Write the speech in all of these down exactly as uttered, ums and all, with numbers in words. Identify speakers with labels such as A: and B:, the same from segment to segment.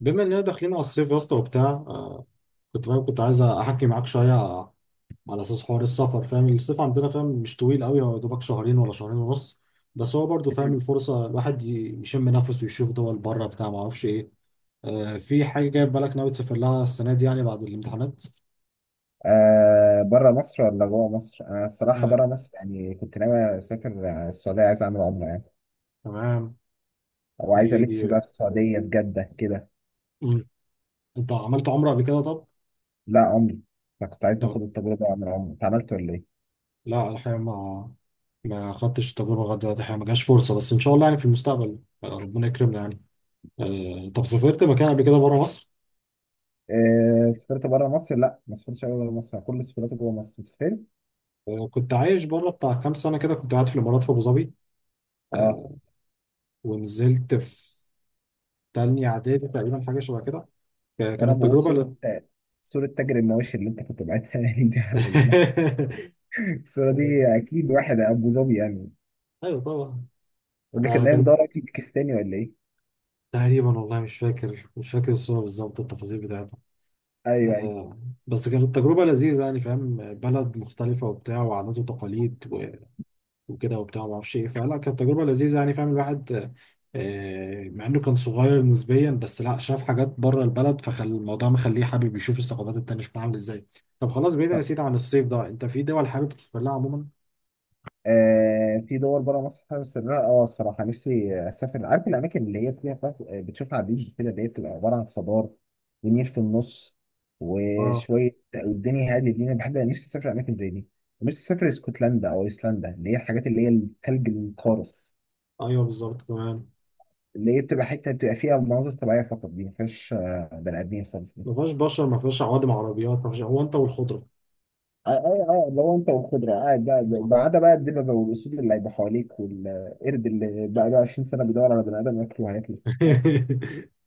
A: بما اننا داخلين على الصيف يا اسطى وبتاع، آه كنت فاهم، كنت عايز احكي معاك شويه على اساس حوار السفر. فاهم الصيف عندنا، فاهم، مش طويل قوي، هو يا دوبك شهرين ولا شهرين ونص. بس هو برضو فاهم
B: مم.
A: الفرصه الواحد ي- يشم نفسه ويشوف دول بره بتاع، ما اعرفش ايه. آه، في حاجه جايه في بالك ناوي تسافر لها السنه دي، يعني بعد الامتحانات؟
B: آه بره مصر ولا جوه مصر؟ أنا الصراحة بره
A: آه،
B: مصر، يعني كنت ناوي أسافر آه، السعودية، عايز أعمل عمرة يعني،
A: تمام.
B: أو
A: دي
B: عايز
A: دي
B: ألف بقى في السعودية في جدة كده.
A: مم. انت عملت عمره قبل كده؟ طب،
B: لا عمرة. فكنت عايز آخد
A: طب
B: التجربة وأعمل عمرة. أنت عملت ولا إيه؟
A: لا الحقيقة، ما ما خدتش التجربة لغاية دلوقتي، الحقيقة ما جاش فرصة، بس ان شاء الله يعني في المستقبل، آه، ربنا يكرمنا يعني. آه، طب سافرت مكان قبل كده بره مصر؟
B: آه سافرت بره مصر؟ لا، ما سافرتش أوي بره مصر، أنا كل سفراتي جوه مصر. أنت سافرت؟
A: آه، كنت عايش بره بتاع كام سنة كده، كنت قاعد في الإمارات في أبو ظبي.
B: أه.
A: آه، ونزلت في تانية إعدادي تقريبا، حاجة شبه كده. ك-
B: وأنا
A: كانت
B: بقول
A: تجربة،
B: صورة،
A: لا.
B: صورة تاجر المواشي اللي أنت كنت بعتها لي دي على ال- الصورة دي
A: آه،
B: أكيد واحد أبو ظبي يعني،
A: أيوه طبعا.
B: يقول لك
A: آه،
B: إن هي
A: كانت
B: مدور أكل باكستاني ولا إيه؟
A: تقريبا، والله مش فاكر، مش فاكر الصورة بالظبط، التفاصيل بتاعتها.
B: أيوه، أيوه.
A: آه، بس كانت تجربة لذيذة يعني، فاهم، بلد مختلفة وبتاع، وعادات وتقاليد وكده وبتاع ما اعرفش ايه، فلا كانت تجربه لذيذه يعني، فاهم الواحد، آه، مع انه كان صغير نسبيا، بس لا شاف حاجات بره البلد، فخل الموضوع مخليه حابب يشوف الثقافات التانيه شكلها عامل ازاي. طب خلاص، بعيدا يا سيدي عن الصيف ده، انت في دول حابب تسافر لها عموما؟
B: آه في دول بره مصر حابب اسافرها. اه الصراحه نفسي اسافر، عارف الاماكن اللي هي فيها بقى- آه، بتشوفها على البيج كده، اللي هي بتبقى عباره عن خضار ونيل في النص
A: اه،
B: وشويه، والدنيا هاديه دي، انا بحب نفسي اسافر اماكن زي دي. نفسي اسافر اسكتلندا او ايسلندا، اللي هي الحاجات اللي هي الثلج القارص،
A: ايوه بالظبط تمام.
B: اللي هي بتبقى حته بتبقى فيها مناظر طبيعيه فقط، دي ما فيهاش آه، بني ادمين خالص دي.
A: ما فيهاش بشر، ما فيهاش عوادم عربيات، ما فيهاش، هو انت والخضره.
B: اه اه آه، لو انت والخضره قاعد، بقى
A: آه.
B: بعد بقى الدببه والاسود اللي هيبقى حواليك، والقرد اللي بقى له عشرين سنة سنه بيدور على بني ادم ياكله وهياكله.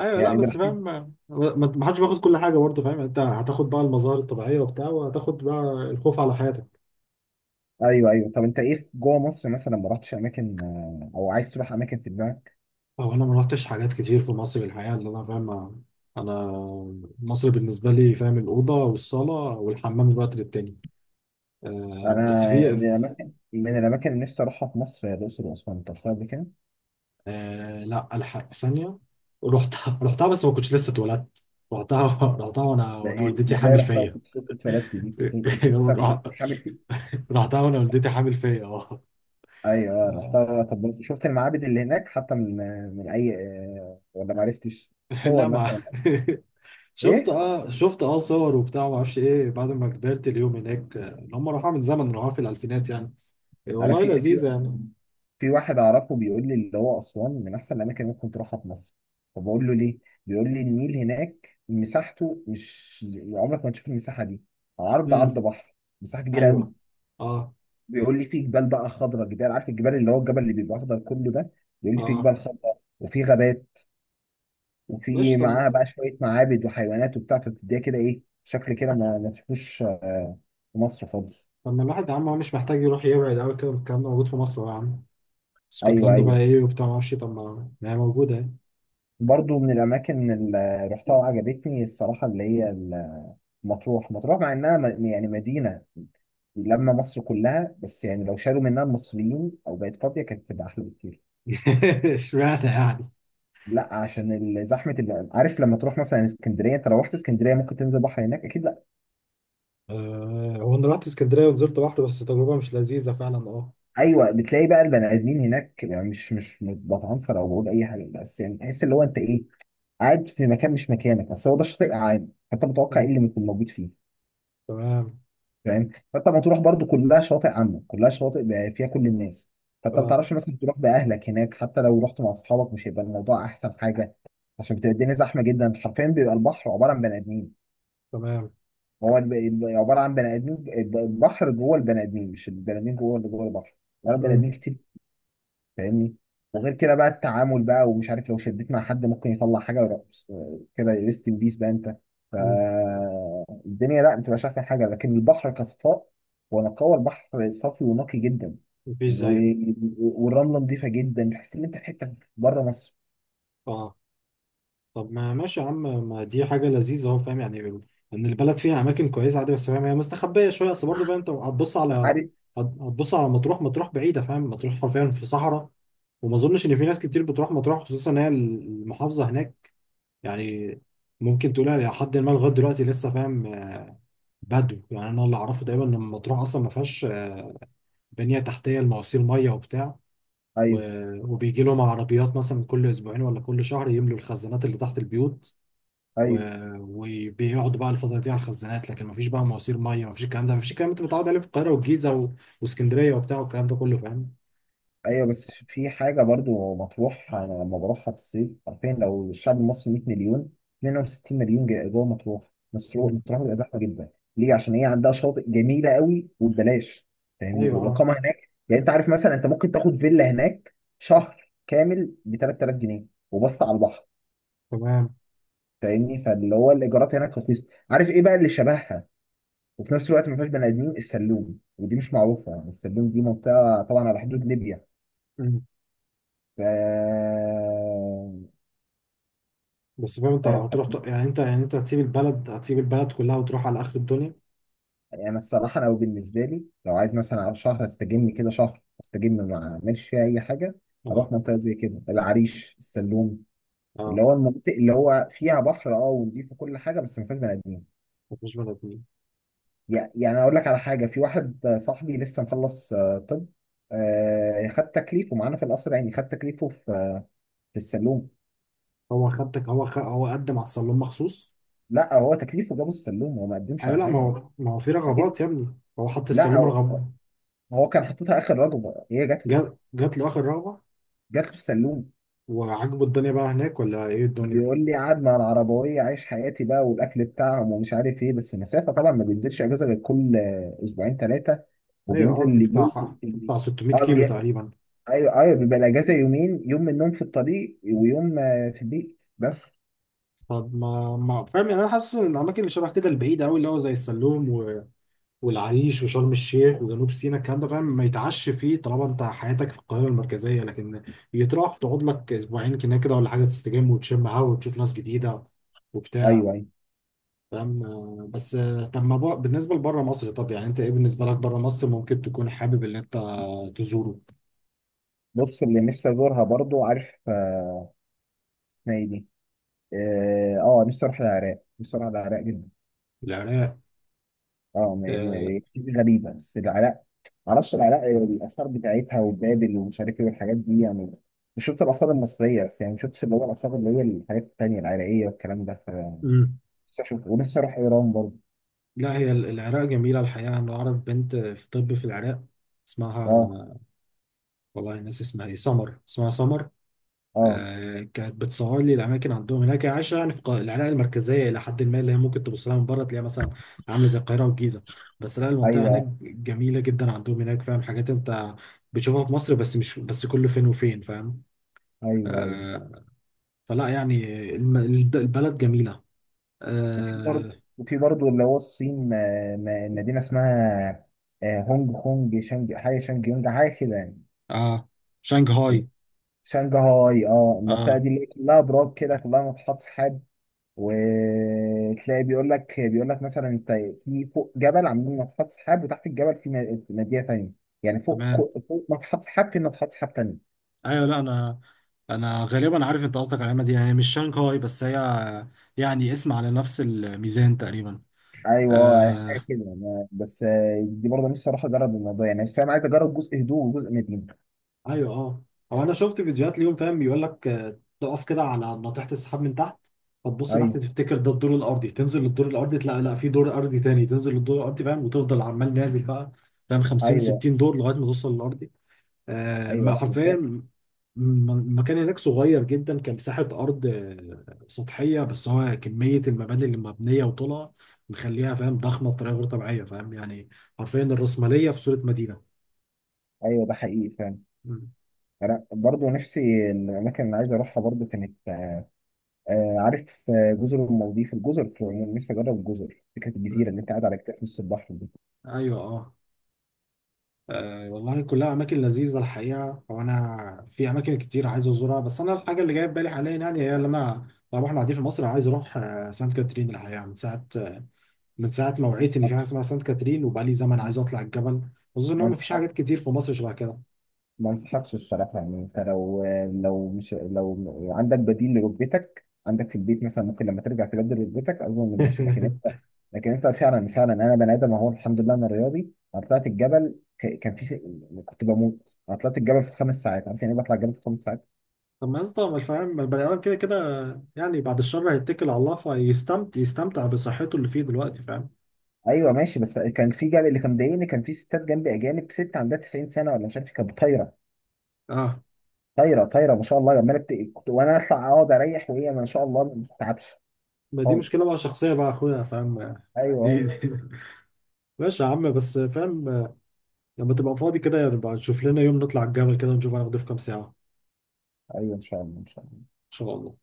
A: ايوه، لا
B: يعني ده
A: بس فاهم،
B: الحين.
A: ما ما- ما حدش بياخد كل حاجه برضه، فاهم، انت هتاخد بقى المظاهر الطبيعيه وبتاع، وهتاخد بقى الخوف على حياتك.
B: ايوه، ايوه. طب انت ايه جوه مصر مثلا؟ ما رحتش اماكن آه، او عايز تروح اماكن في دماغك؟
A: هو انا ما رحتش حاجات كتير في مصر الحقيقه، اللي انا فاهم، انا مصر بالنسبه لي، فاهم، الاوضه والصاله والحمام، الوقت للتاني. آه
B: انا
A: بس في،
B: من الاماكن، من الاماكن اللي نفسي اروحها في مصر، هي الاقصر واسوان، انت رحتها قبل كده؟
A: آه لا، الحق ثانيه، رحتها، رحتها بس ما كنتش لسه اتولدت، رحتها رحتها وانا
B: لا،
A: وانا
B: ايه
A: والدتي
B: ازاي
A: حامل
B: رحتها
A: فيا.
B: وكنت لسه اتولدت؟ دي كنت، كنت لسه حامل فيه.
A: رحتها وانا والدتي حامل فيا، اه.
B: ايوه، آه، رحتها. طب بس شفت المعابد اللي هناك حتى، من من اي، آه، ولا ما عرفتش الصور
A: لا، ما
B: مثلا؟
A: شفت،
B: ايه؟
A: اه شفت، اه صور وبتاع ما اعرفش ايه، بعد ما كبرت اليوم هناك. آه، اللي هم راحوا من زمن، راحوا في الالفينات يعني. إيه،
B: عارف
A: والله
B: في في
A: لذيذة يعني.
B: في واحد اعرفه بيقول لي اللي هو اسوان من احسن الاماكن اللي ممكن تروحها في مصر. فبقول له ليه؟ بيقول لي النيل هناك مساحته، مش عمرك ما تشوف المساحه دي. عرض، عرض
A: امم،
B: بحر. مساحه كبيره
A: ايوه
B: قوي.
A: اه
B: بيقول لي في جبال بقى خضراء، جبال، عارف الجبال اللي هو الجبل اللي بيبقى اخضر كله ده. بيقول لي في
A: اه.
B: جبال خضراء وفي غابات، وفي
A: مش،
B: معاها
A: طب،
B: بقى شويه معابد وحيوانات وبتاع، فبتديها كده ايه شكل كده، ما ما تشوفوش آه، في مصر خالص.
A: طب ما الواحد يا عم، هو مش محتاج يروح يبعد قوي كده، الكلام ده موجود في مصر أهو يا عم.
B: ايوه،
A: اسكتلندا بقى
B: ايوه.
A: ايه وبتاع ما اعرفش، طب ما ما هي موجوده يعني.
B: برضو من الاماكن اللي رحتها وعجبتني الصراحه، اللي هي مطروح. مطروح مع انها م- يعني مدينه، لما مصر كلها بس يعني لو شالوا منها المصريين او بقت فاضيه كانت تبقى احلى بكتير.
A: اشمعنى يعني؟
B: لا، عشان ال- زحمه، اللي عارف لما تروح مثلا اسكندريه. انت لو رحت اسكندريه ممكن تنزل بحر هناك اكيد؟ لا.
A: آه، هو انا رحت اسكندريه ونزلت بحر، بس تجربه مش لذيذه فعلا، اه.
B: ايوه، بتلاقي بقى البني ادمين هناك، يعني مش مش بتعنصر او بقول اي حاجه، بس يعني تحس اللي هو انت ايه، قاعد في مكان مش مكانك، بس هو ده الشاطئ عام، فانت متوقع ايه
A: مم.
B: اللي ممكن موجود فيه.
A: تمام.
B: فاهم؟ فانت مطروح برضو كلها شواطئ عامه، كلها شواطئ بقى فيها كل الناس، فانت ما
A: اه،
B: تعرفش مثلا تروح باهلك هناك، حتى لو رحت مع اصحابك مش هيبقى الموضوع احسن حاجه، عشان بتبقى الدنيا زحمه جدا، حرفيا بيبقى البحر عباره عن بني ادمين.
A: تمام.
B: هو الب- الب- عباره عن بني ادمين، الب- البحر جوه البني ادمين، مش البني ادمين جوه اللي جوه البحر، عباره عن بني ادمين
A: مم.
B: كتير، فاهمني؟ وغير كده بقى التعامل بقى، ومش عارف لو شديت مع حد ممكن يطلع حاجه ورقص. كده ريست ان بيس بقى انت.
A: مم.
B: فالدنيا لا، ما بتبقاش احسن حاجه، لكن البحر كصفاء ونقاوه، البحر صافي ونقي جدا.
A: مفيش
B: و...
A: زيه.
B: والرمله نظيفه جدا، تحس ان انت في حته بره مصر.
A: اه، طب ما ماشي يا عم، ما دي حاجة لذيذة اهو، فاهم يعني ال- ان البلد فيها اماكن كويسة عادي، بس فاهم هي مستخبية شوية اصل، برضه فاهم انت هتبص على،
B: عارف؟
A: هت- هتبص على مطروح. مطروح بعيدة، فاهم، مطروح حرفيا في صحراء، وما اظنش ان في ناس كتير بتروح مطروح، خصوصا ان هي المحافظة هناك، يعني ممكن تقولها لحد ما لغاية دلوقتي لسه فاهم بدو يعني. انا اللي اعرفه تقريبا ان مطروح اصلا ما فيهاش بنية تحتية لمواسير مية وبتاع،
B: ايوه،
A: و- وبيجي لهم عربيات مثلا كل اسبوعين ولا كل شهر يملوا الخزانات اللي تحت البيوت، و-
B: ايوه،
A: وبيقعدوا بقى الفترة دي على الخزانات، لكن مفيش بقى مواسير مية، مفيش الكلام ده، مفيش الكلام اللي انت متعود عليه في القاهرة والجيزة و- واسكندرية وبتاع، والكلام ده كله فاهم.
B: ايوه. بس في حاجه برضو مطروح انا لما بروحها في الصيف، عارفين لو الشعب المصري 100 مليون، منهم 60 مليون جا- جوه مطروح، مسرو-
A: مم.
B: مطروح بتبقى زحمه جدا. ليه؟ عشان هي عندها شاطئ جميله قوي وببلاش، فاهمني؟
A: ايوه اه
B: والاقامه هناك، يعني انت عارف مثلا انت ممكن تاخد فيلا هناك شهر كامل ب ثلاثة آلاف جنيه، وبص على البحر.
A: تمام.
B: فاهمني؟ فاللي هو الايجارات هناك رخيصه. عارف ايه بقى اللي شبهها؟ وفي نفس الوقت ما فيهاش بني ادمين، السلوم. ودي مش معروفه يعني السلوم، دي منطقه طبعا على حدود ليبيا.
A: مم.
B: ف
A: بس فاهم، انت
B: آه،
A: هتروح ت- يعني انت، يعني انت هتسيب البلد، هتسيب البلد كلها وتروح على اخر الدنيا.
B: يعني الصراحة لو بالنسبة لي لو عايز مثلا على شهر استجم كده، شهر استجم ما اعملش فيها أي حاجة، أروح
A: اه
B: منطقة زي كده العريش، السلوم، اللي
A: اه.
B: هو المناطق اللي هو فيها بحر أه ونضيف وكل حاجة، بس ما فيهاش بني آدمين.
A: مفيش بني ادمين.
B: يع- يعني أقول لك على حاجة، في واحد آه، صاحبي لسه مخلص، آه، طب آه، خد تكليفه معانا في القصر، يعني خد تكليفه في آه، في السلوم.
A: هو خدتك؟ هو خ... هو قدم على السلوم مخصوص؟
B: لا هو تكليفه جابه السلوم، هو ما قدمش
A: ايوه
B: على
A: لا، ما
B: حاجة.
A: هو، ما هو في رغبات
B: أكيد.
A: يا ابني، هو حط
B: لا،
A: السلوم
B: هو
A: رغبة.
B: هو كان حاططها آخر رجل، هي جات له،
A: جات جات له اخر رغبة.
B: جات له السلوم.
A: وعجبه الدنيا بقى هناك ولا ايه الدنيا؟
B: بيقول لي قاعد مع العربوية عايش حياتي بقى، والأكل بتاعهم ومش عارف إيه، بس مسافة طبعا ما بينزلش أجازة غير كل آه، أسبوعين ثلاثة،
A: ايوه
B: وبينزل
A: اه، دي
B: لجولة
A: بتاع
B: التجري.
A: بتاع ست ميت
B: أه،
A: كيلو
B: بي...
A: تقريبا.
B: أيوه، أيوه. بيبقى الأجازة يومين، يوم من النوم في الطريق ويوم آه، في البيت بس.
A: طب ما ما فاهم يعني، انا حاسس ان الاماكن اللي شبه كده البعيده قوي، اللي هو زي السلوم و... والعريش وشرم الشيخ وجنوب سيناء، الكلام ده فاهم، ما يتعش فيه طالما انت حياتك في القاهره المركزيه، لكن يتروح تقعد لك اسبوعين كده كده ولا حاجه، تستجم وتشم هوا وتشوف ناس جديده وبتاع،
B: أيوه، أيوه.
A: فاهم. آه، بس آه، طب ما بر... بالنسبه لبره مصر، طب يعني انت ايه بالنسبه لك بره مصر ممكن تكون حابب ان انت تزوره؟
B: بص اللي نفسي أزورها برضو، عارف آه، اسمها إيه دي؟ أه، آه، نفسي أروح العراق، نفسي أروح العراق جدا.
A: العراق.
B: أه، م... م... غريبة بس العراق، معرفش العراق الآثار بتاعتها وبابل ومش عارف إيه والحاجات دي يعني. مش شفت الآثار المصرية بس، يعني ما شفتش اللي هو الآثار اللي هي الحاجات التانية العراقية والكلام ده. ف
A: آه،
B: نفسي أشوف، ونفسي أروح إيران برضه.
A: لا هي ال- العراق جميلة الحقيقة، أنا أعرف بنت في طب في العراق،
B: أه،
A: اسمها، والله ناس اسمها إيه، سمر، اسمها سمر.
B: أه،
A: آه، كانت بتصور لي الأماكن عندهم هناك، هي عايشة يعني في الق- العراق المركزية إلى حد ما، اللي هي ممكن تبص لها من بره تلاقيها مثلا عاملة زي القاهرة والجيزة. بس لا، المنطقة هناك
B: أيوه،
A: جميلة جدا، عندهم هناك فاهم حاجات أنت بتشوفها في مصر بس مش بس كل فين وفين، فاهم.
B: أيوه، أيوه.
A: آه، فلا يعني، الم- البلد جميلة.
B: وفي برضه
A: آه,
B: وفي برضه اللي هو الصين. آه، م- مدينة اسمها آه، هونج كونج، شانج حاجة، شانج يونج حاجة كده يعني.
A: آه، شنغهاي.
B: شانجهاي. أه المنطقة
A: آه،
B: دي اللي هي كلها براك كده، كلها ناطحات سحاب. وتلاقي بيقول لك، بيقول لك مثلا انت في فوق جبل عاملين ناطحات سحاب، وتحت الجبل في م- مدينه ثانيه. يعني فوق
A: تمام.
B: كو- فوق ناطحات سحاب في ناطحات سحاب ثانيه.
A: ايوه، لا انا، انا غالبا عارف انت قصدك على العلامه دي، يعني مش شانغهاي، بس هي يعني اسم على نفس الميزان تقريبا.
B: ايوه، آه، حاجه
A: آه
B: كده. أنا- بس آه، دي برضه نفسي اروح اجرب الموضوع، يعني مش فاهم، عايز اجرب جزء هدوء وجزء مدينه.
A: ايوه اه. هو انا شفت فيديوهات ليهم، فاهم، بيقول لك آه، تقف كده على ناطحه السحاب من تحت، فتبص تحت
B: ايوه،
A: تفتكر ده الدور الارضي، تنزل للدور الارضي تلاقي لا في دور ارضي تاني، تنزل للدور الارضي، فاهم، وتفضل عمال نازل بقى، فاهم، خمسين
B: ايوه،
A: ستين دور لغايه ما توصل للارضي. آه،
B: ايوه.
A: ما
B: لا
A: حرفيا،
B: مسافر.
A: م- المكان هناك صغير جدا كان، مساحة أرض آه، سطحية، بس هو كمية المباني اللي مبنية وطلع مخليها، فاهم، ضخمة بطريقة غير طبيعية فاهم يعني، حرفيا الرأسمالية في صورة مدينة.
B: ايوه، ده حقيقي فاهم.
A: مم.
B: انا برضه نفسي، الاماكن اللي عايز اروحها برضه كانت آه، عارف آه، جزر المالديف، الجزر في العموم نفسي اجرب الجزر، فكره الجزيره
A: مم.
B: اللي انت قاعد على كتاف نص البحر
A: أيوه أه. آه، والله كلها أماكن لذيذة الحقيقة، وأنا في أماكن كتير عايز أزورها، بس أنا الحاجة اللي جاية في بالي حاليا يعني، هي اللي أنا طبعا إحنا قاعدين في مصر، عايز أروح آه، سانت كاترين الحقيقة، من ساعة، من ساعه ما وعيت ان في حاجه اسمها سانت كاترين، وبقى لي زمن
B: دي.
A: عايز اطلع الجبل، خصوصا ان
B: ما
A: هو مفيش
B: انصحك
A: حاجات كتير في مصر شبه كده.
B: ما انصحكش الصراحه، يعني انت لو لو مش لو عندك بديل لركبتك عندك في البيت مثلا، ممكن لما ترجع تبدل ركبتك اظن ماشي، لكن انت، لكن انت فعلا فعلا انا بني ادم اهو الحمد لله انا رياضي، انا طلعت الجبل، ك- كان في كنت بموت. انا طلعت الجبل في خمس ساعات، عارف يعني ايه بطلع الجبل في خمس ساعات؟
A: طب ما يا اسطى، ما الفهم ما البني ادم كده كده، يعني بعد الشر هيتكل على الله، فيستمتع، يستمتع بصحته اللي فيه دلوقتي، فاهم.
B: ايوه، ماشي. بس كان في جبل اللي كان مضايقني، كان في ستات جنبي اجانب، ست عندها تسعين سنة سنه ولا مش عارف إيه، كانت طايره،
A: اه،
B: طايره، طايره ما شاء الله، عماله بت... كنت- وانا اطلع اقعد اريح وهي ما شاء الله ما بتتعبش.
A: ما دي
B: خالص.
A: مشكله بقى شخصيه بقى يا اخويا، فاهم. دي,
B: ايوه،
A: دي. ماشي يا عم، بس فاهم، لما تبقى فاضي كده، يبقى نشوف لنا يوم نطلع الجبل كده نشوف هناخده في كام ساعه ان
B: ايوه. ان شاء الله، ان شاء الله.
A: شاء الله.